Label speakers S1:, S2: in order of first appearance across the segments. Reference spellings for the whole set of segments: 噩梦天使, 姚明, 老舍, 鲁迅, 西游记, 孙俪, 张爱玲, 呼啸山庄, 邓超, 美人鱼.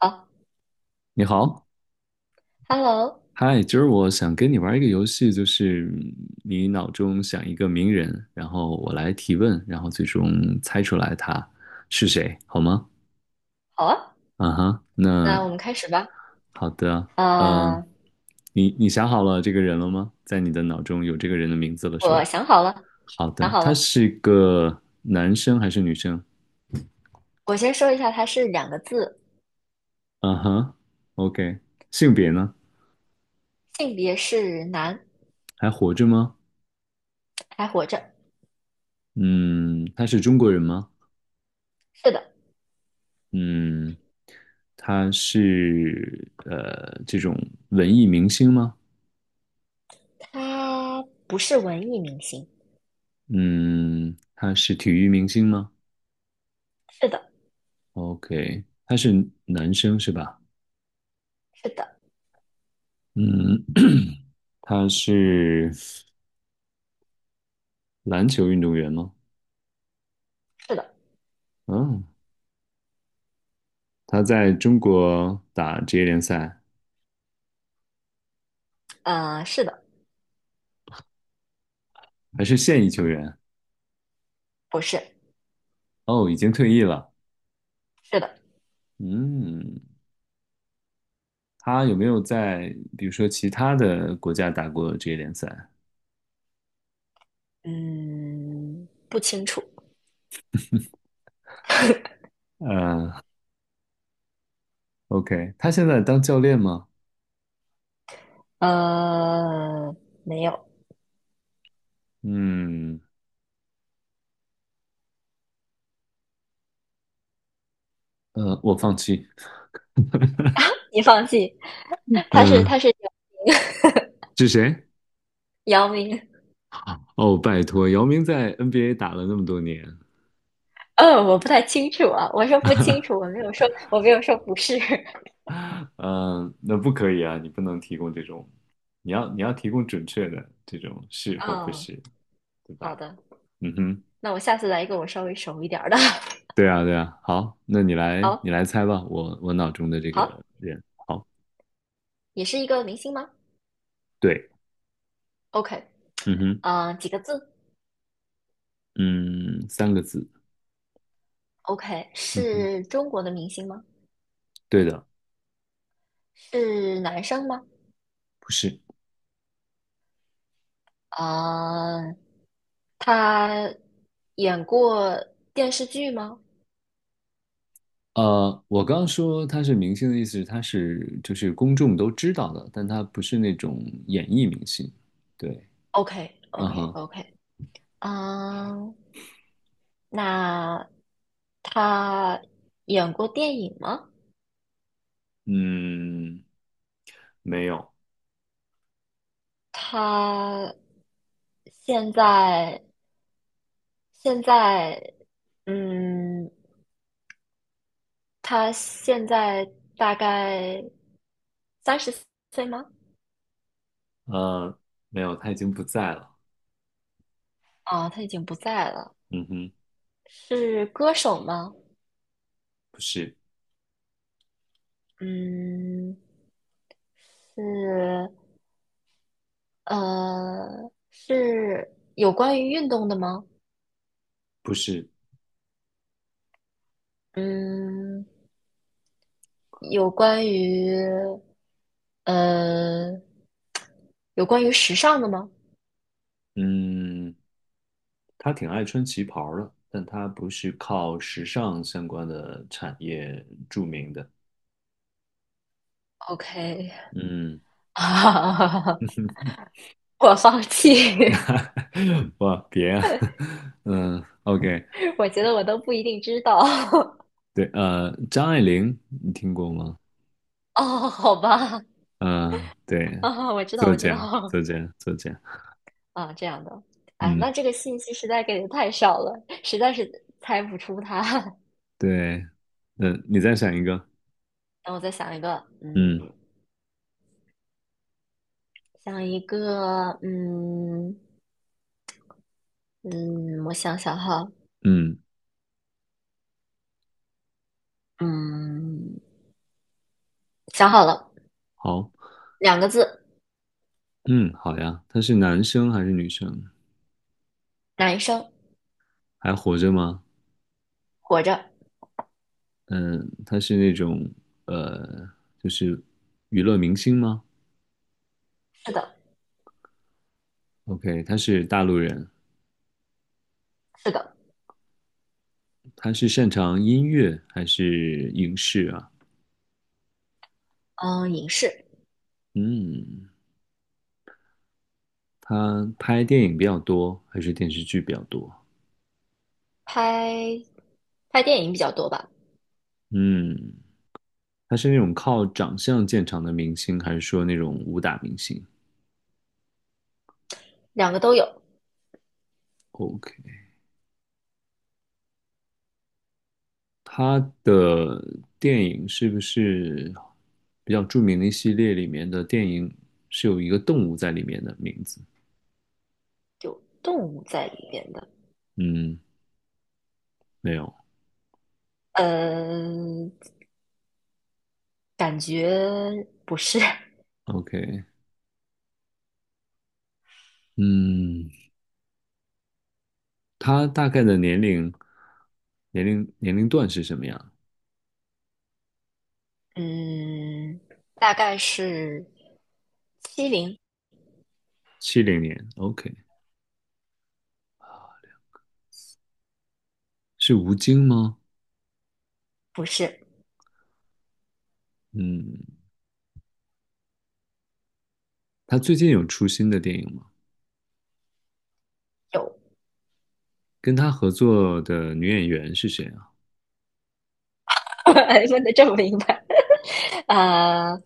S1: 好
S2: 你好，
S1: ，Hello，
S2: 嗨，今儿我想跟你玩一个游戏，就是你脑中想一个名人，然后我来提问，然后最终猜出来他是谁，好吗？
S1: 好啊，
S2: 啊哈，那
S1: 那我们开始吧。
S2: 好的，嗯、
S1: 呃，
S2: 你想好了这个人了吗？在你的脑中有这个人的名字了是
S1: 我
S2: 吧？
S1: 想好了，
S2: 好
S1: 想
S2: 的，
S1: 好
S2: 他
S1: 了。
S2: 是个男生还是女生？
S1: 我先说一下，它是两个字，
S2: 啊哈，OK，性别呢？
S1: 性别是男，
S2: 还活着吗？
S1: 还活着。
S2: 嗯，他是中国人吗？
S1: 是的，
S2: 嗯，他是这种文艺明星吗？
S1: 他不是文艺明星。
S2: 嗯，他是体育明星吗
S1: 是的，
S2: ？OK，他是男生是吧？
S1: 是的，
S2: 嗯，他是篮球运动员吗？
S1: 是的，
S2: 嗯，他在中国打职业联赛，
S1: 是的，
S2: 还是现役球员？
S1: 不是，
S2: 哦，已经退役了。
S1: 是的，
S2: 嗯，他有没有在比如说其他的国家打过职业联赛？
S1: 嗯，不清楚。
S2: 嗯 o k 他现在当教练吗？
S1: 呃，没有，
S2: 嗯，我放弃。
S1: 你放弃。
S2: 嗯，
S1: 他是他 是
S2: 是谁？
S1: 姚明。
S2: 哦，拜托，姚明在 NBA 打了那么多年，
S1: 我不太清楚啊，我说不清楚，我没有说不是。
S2: 嗯，那不可以啊，你不能提供这种，你要提供准确的这种是或不
S1: 嗯，
S2: 是，对
S1: 好
S2: 吧？
S1: 的，
S2: 嗯哼，
S1: 那我下次来一个我稍微熟一点儿的。
S2: 对啊，对啊。好，那你来，你
S1: 好，
S2: 来猜吧。我脑中的这个
S1: 好，
S2: 人，好，
S1: 也是一个明星吗
S2: 对，
S1: ？OK，
S2: 嗯哼，
S1: 嗯，几个字
S2: 嗯，三个字，
S1: ？OK，
S2: 嗯哼，
S1: 是中国的明星吗？
S2: 对的，
S1: 是男生吗？
S2: 不是，
S1: 嗯，他演过电视剧吗
S2: 呃，我刚刚说他是明星的意思是他是就是公众都知道的，但他不是那种演艺明星。对，嗯哼，
S1: ？OK，OK，OK，嗯，那他演过电影吗？
S2: 嗯，没有，
S1: 他现在现在，嗯，他现在大概三十岁吗？
S2: 呃，没有，他已经不在了。
S1: 啊，他已经不在了。
S2: 嗯哼，
S1: 是歌手吗？
S2: 不是，
S1: 嗯，是，是有关于运动的吗？
S2: 不是，
S1: 嗯，有关于，呃，有关于时尚的吗
S2: 嗯，他挺爱穿旗袍儿的，但他不是靠时尚相关的产业著名的。
S1: ？OK，
S2: 嗯，
S1: 我放弃。
S2: 哇，别啊，嗯，OK，
S1: 我觉得我都不一定知道。
S2: 对，张爱玲，你听过吗？
S1: 哦，好吧，
S2: 嗯，对，
S1: 我知道，
S2: 作
S1: 我知
S2: 家，
S1: 道，
S2: 作家，作家，
S1: 啊，这样的，哎，那
S2: 嗯，
S1: 这个信息实在给的太少了，实在是猜不出他。
S2: 对，嗯，你再想一个，
S1: 让我再想一个，嗯，
S2: 嗯
S1: 想一个，嗯嗯，我想想哈，
S2: 嗯，
S1: 嗯，想好了，
S2: 好，
S1: 两个字，
S2: 嗯，好呀，他是男生还是女生？
S1: 男生，
S2: 还活着吗？
S1: 活着，
S2: 嗯，他是那种呃，就是娱乐明星吗
S1: 是的，
S2: ？OK，他是大陆人，
S1: 是的，
S2: 他是擅长音乐还是影视啊？
S1: 嗯，影视，
S2: 嗯，他拍电影比较多还是电视剧比较多？
S1: 拍拍电影比较多吧，
S2: 嗯，他是那种靠长相见长的明星，还是说那种武打明星
S1: 两个都有，
S2: ？OK，他的电影是不是比较著名的一系列里面的电影是有一个动物在里面的名字？
S1: 有动物在里面的，
S2: 嗯，没有。
S1: 嗯。感觉不是，
S2: OK，嗯，他大概的年龄年龄段是什么样？
S1: 嗯，大概是七零，
S2: 七零年。OK，是吴京吗？
S1: 不是
S2: 嗯，他最近有出新的电影吗？
S1: 有，
S2: 跟他合作的女演员是谁啊？
S1: 问的这么明白，呃，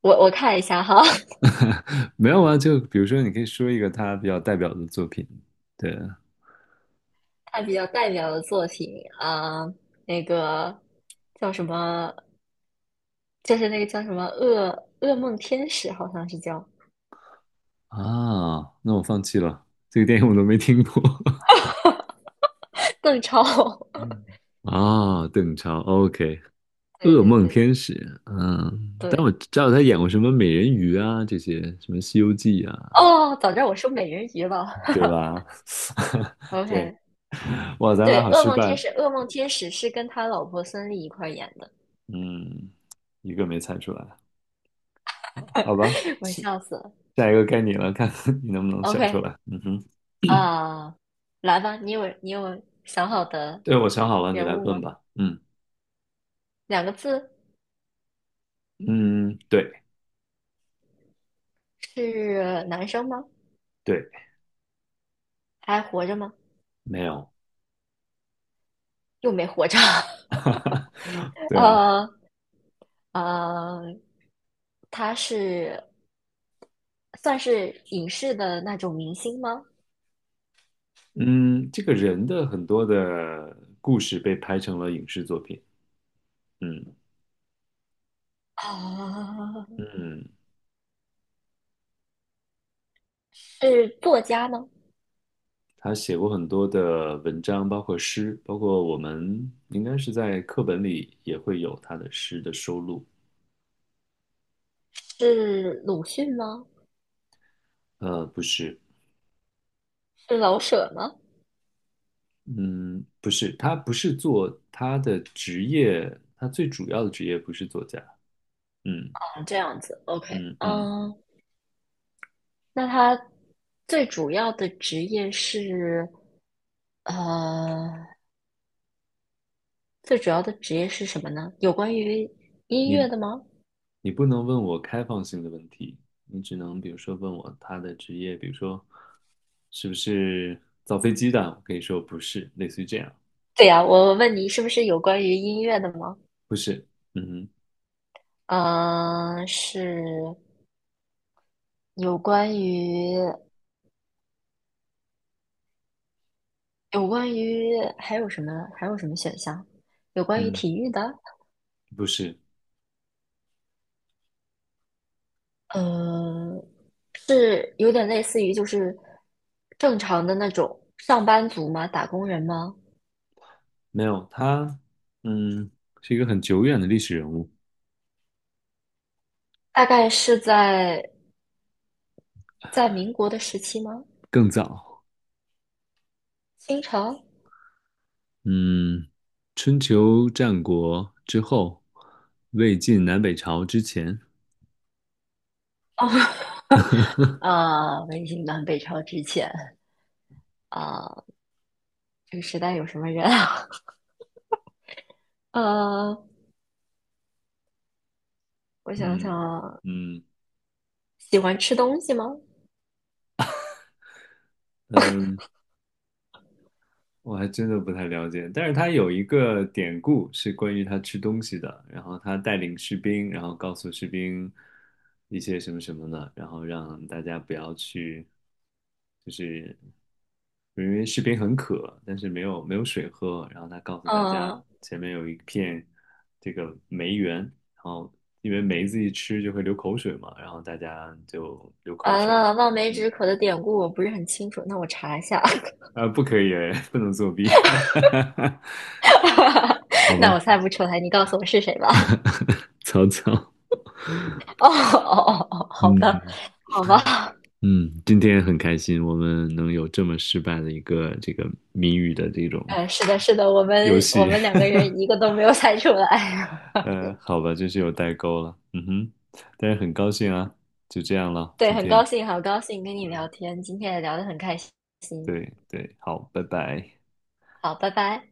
S1: 我看一下哈，
S2: 没有啊，就比如说，你可以说一个他比较代表的作品。对
S1: 看比较代表的作品啊、呃那个叫什么，就是那个叫什么噩梦天使，好像是叫
S2: 啊，那我放弃了，这个电影我都没听过。
S1: 邓超，
S2: 嗯啊，邓超，OK，
S1: 对
S2: 《噩
S1: 对
S2: 梦
S1: 对
S2: 天使》。嗯，但我
S1: 对，
S2: 知道他演过什么美人鱼啊，这些什么《西游记》啊，
S1: 哦，早知道我说美人鱼了
S2: 对吧？对，
S1: ，OK，
S2: 哇，咱
S1: 对，
S2: 俩好
S1: 《噩
S2: 失
S1: 梦天
S2: 败。
S1: 使》《噩梦天使》是跟他老婆孙俪一块儿演的，
S2: 嗯，一个没猜出来，好吧，
S1: 我笑死了。
S2: 下一个该你了，看 看你能不能想出
S1: OK，
S2: 来。嗯哼，
S1: 啊、来吧，你有想好的
S2: 对，我想好了，你
S1: 人
S2: 来
S1: 物
S2: 问
S1: 吗？
S2: 吧。嗯。
S1: 两个字
S2: 嗯，对，
S1: 是男生吗？
S2: 对，
S1: 还活着吗？
S2: 没有，
S1: 又没活着。
S2: 对啊，
S1: 呃呃，他是算是影视的那种明星吗？
S2: 嗯，这个人的很多的故事被拍成了影视作品，嗯
S1: 啊，
S2: 嗯，
S1: 是作家吗？
S2: 他写过很多的文章，包括诗，包括我们应该是在课本里也会有他的诗的收录，
S1: 是鲁迅吗？
S2: 不是，
S1: 是老舍吗？
S2: 嗯，不是，他不是做他的职业，他最主要的职业不是作家，嗯
S1: 这样子，OK，
S2: 嗯嗯。
S1: 嗯，那他最主要的职业是呃，最主要的职业是什么呢？有关于音乐
S2: 你
S1: 的吗？
S2: 你不能问我开放性的问题，你只能比如说问我他的职业，比如说是不是造飞机的，我可以说不是，类似于这样，
S1: 对呀，我问你是不是有关于音乐的吗？
S2: 不是，嗯哼
S1: 嗯，是有关于有关于还有什么选项？有关于
S2: 嗯，
S1: 体育的，
S2: 不是，
S1: 嗯，是有点类似于就是正常的那种上班族吗？打工人吗？
S2: 没有，他嗯是一个很久远的历史人物，
S1: 大概是在民国的时期吗？
S2: 更早，
S1: 清朝？
S2: 嗯，春秋战国之后，魏晋南北朝之前，
S1: 哦，啊，魏晋南北朝之前，啊，这个时代有什么人啊？呃，我想
S2: 嗯
S1: 想啊，
S2: 嗯
S1: 喜欢吃东西吗？
S2: 嗯。我还真的不太了解，但是他有一个典故是关于他吃东西的，然后他带领士兵，然后告诉士兵一些什么什么的，然后让大家不要去，就是因为士兵很渴，但是没有水喝，然后他告诉大家
S1: 嗯、
S2: 前面有一片这个梅园，然后因为梅子一吃就会流口水嘛，然后大家就流口
S1: 完
S2: 水，
S1: 了，望梅
S2: 嗯，
S1: 止渴的典故我不是很清楚，那我查一下。
S2: 啊，不可以，哎 不能作弊，好 吧。
S1: 那我猜不出来，你告诉我是谁吧？
S2: 草草，
S1: 哦哦哦哦，好的，
S2: 嗯
S1: 好吧，
S2: 嗯，今天很开心，我们能有这么失败的一个这个谜语的这种
S1: 是的，是的，我们
S2: 游
S1: 我
S2: 戏，
S1: 们两个人一个都没有猜出来。
S2: 好吧，真是有代沟了，嗯哼，但是很高兴啊，就这样了，
S1: 对，
S2: 今
S1: 很
S2: 天，
S1: 高兴，好高兴跟你
S2: 嗯，
S1: 聊天，今天也聊得很开心。
S2: 对对，好，拜拜。
S1: 好，拜拜。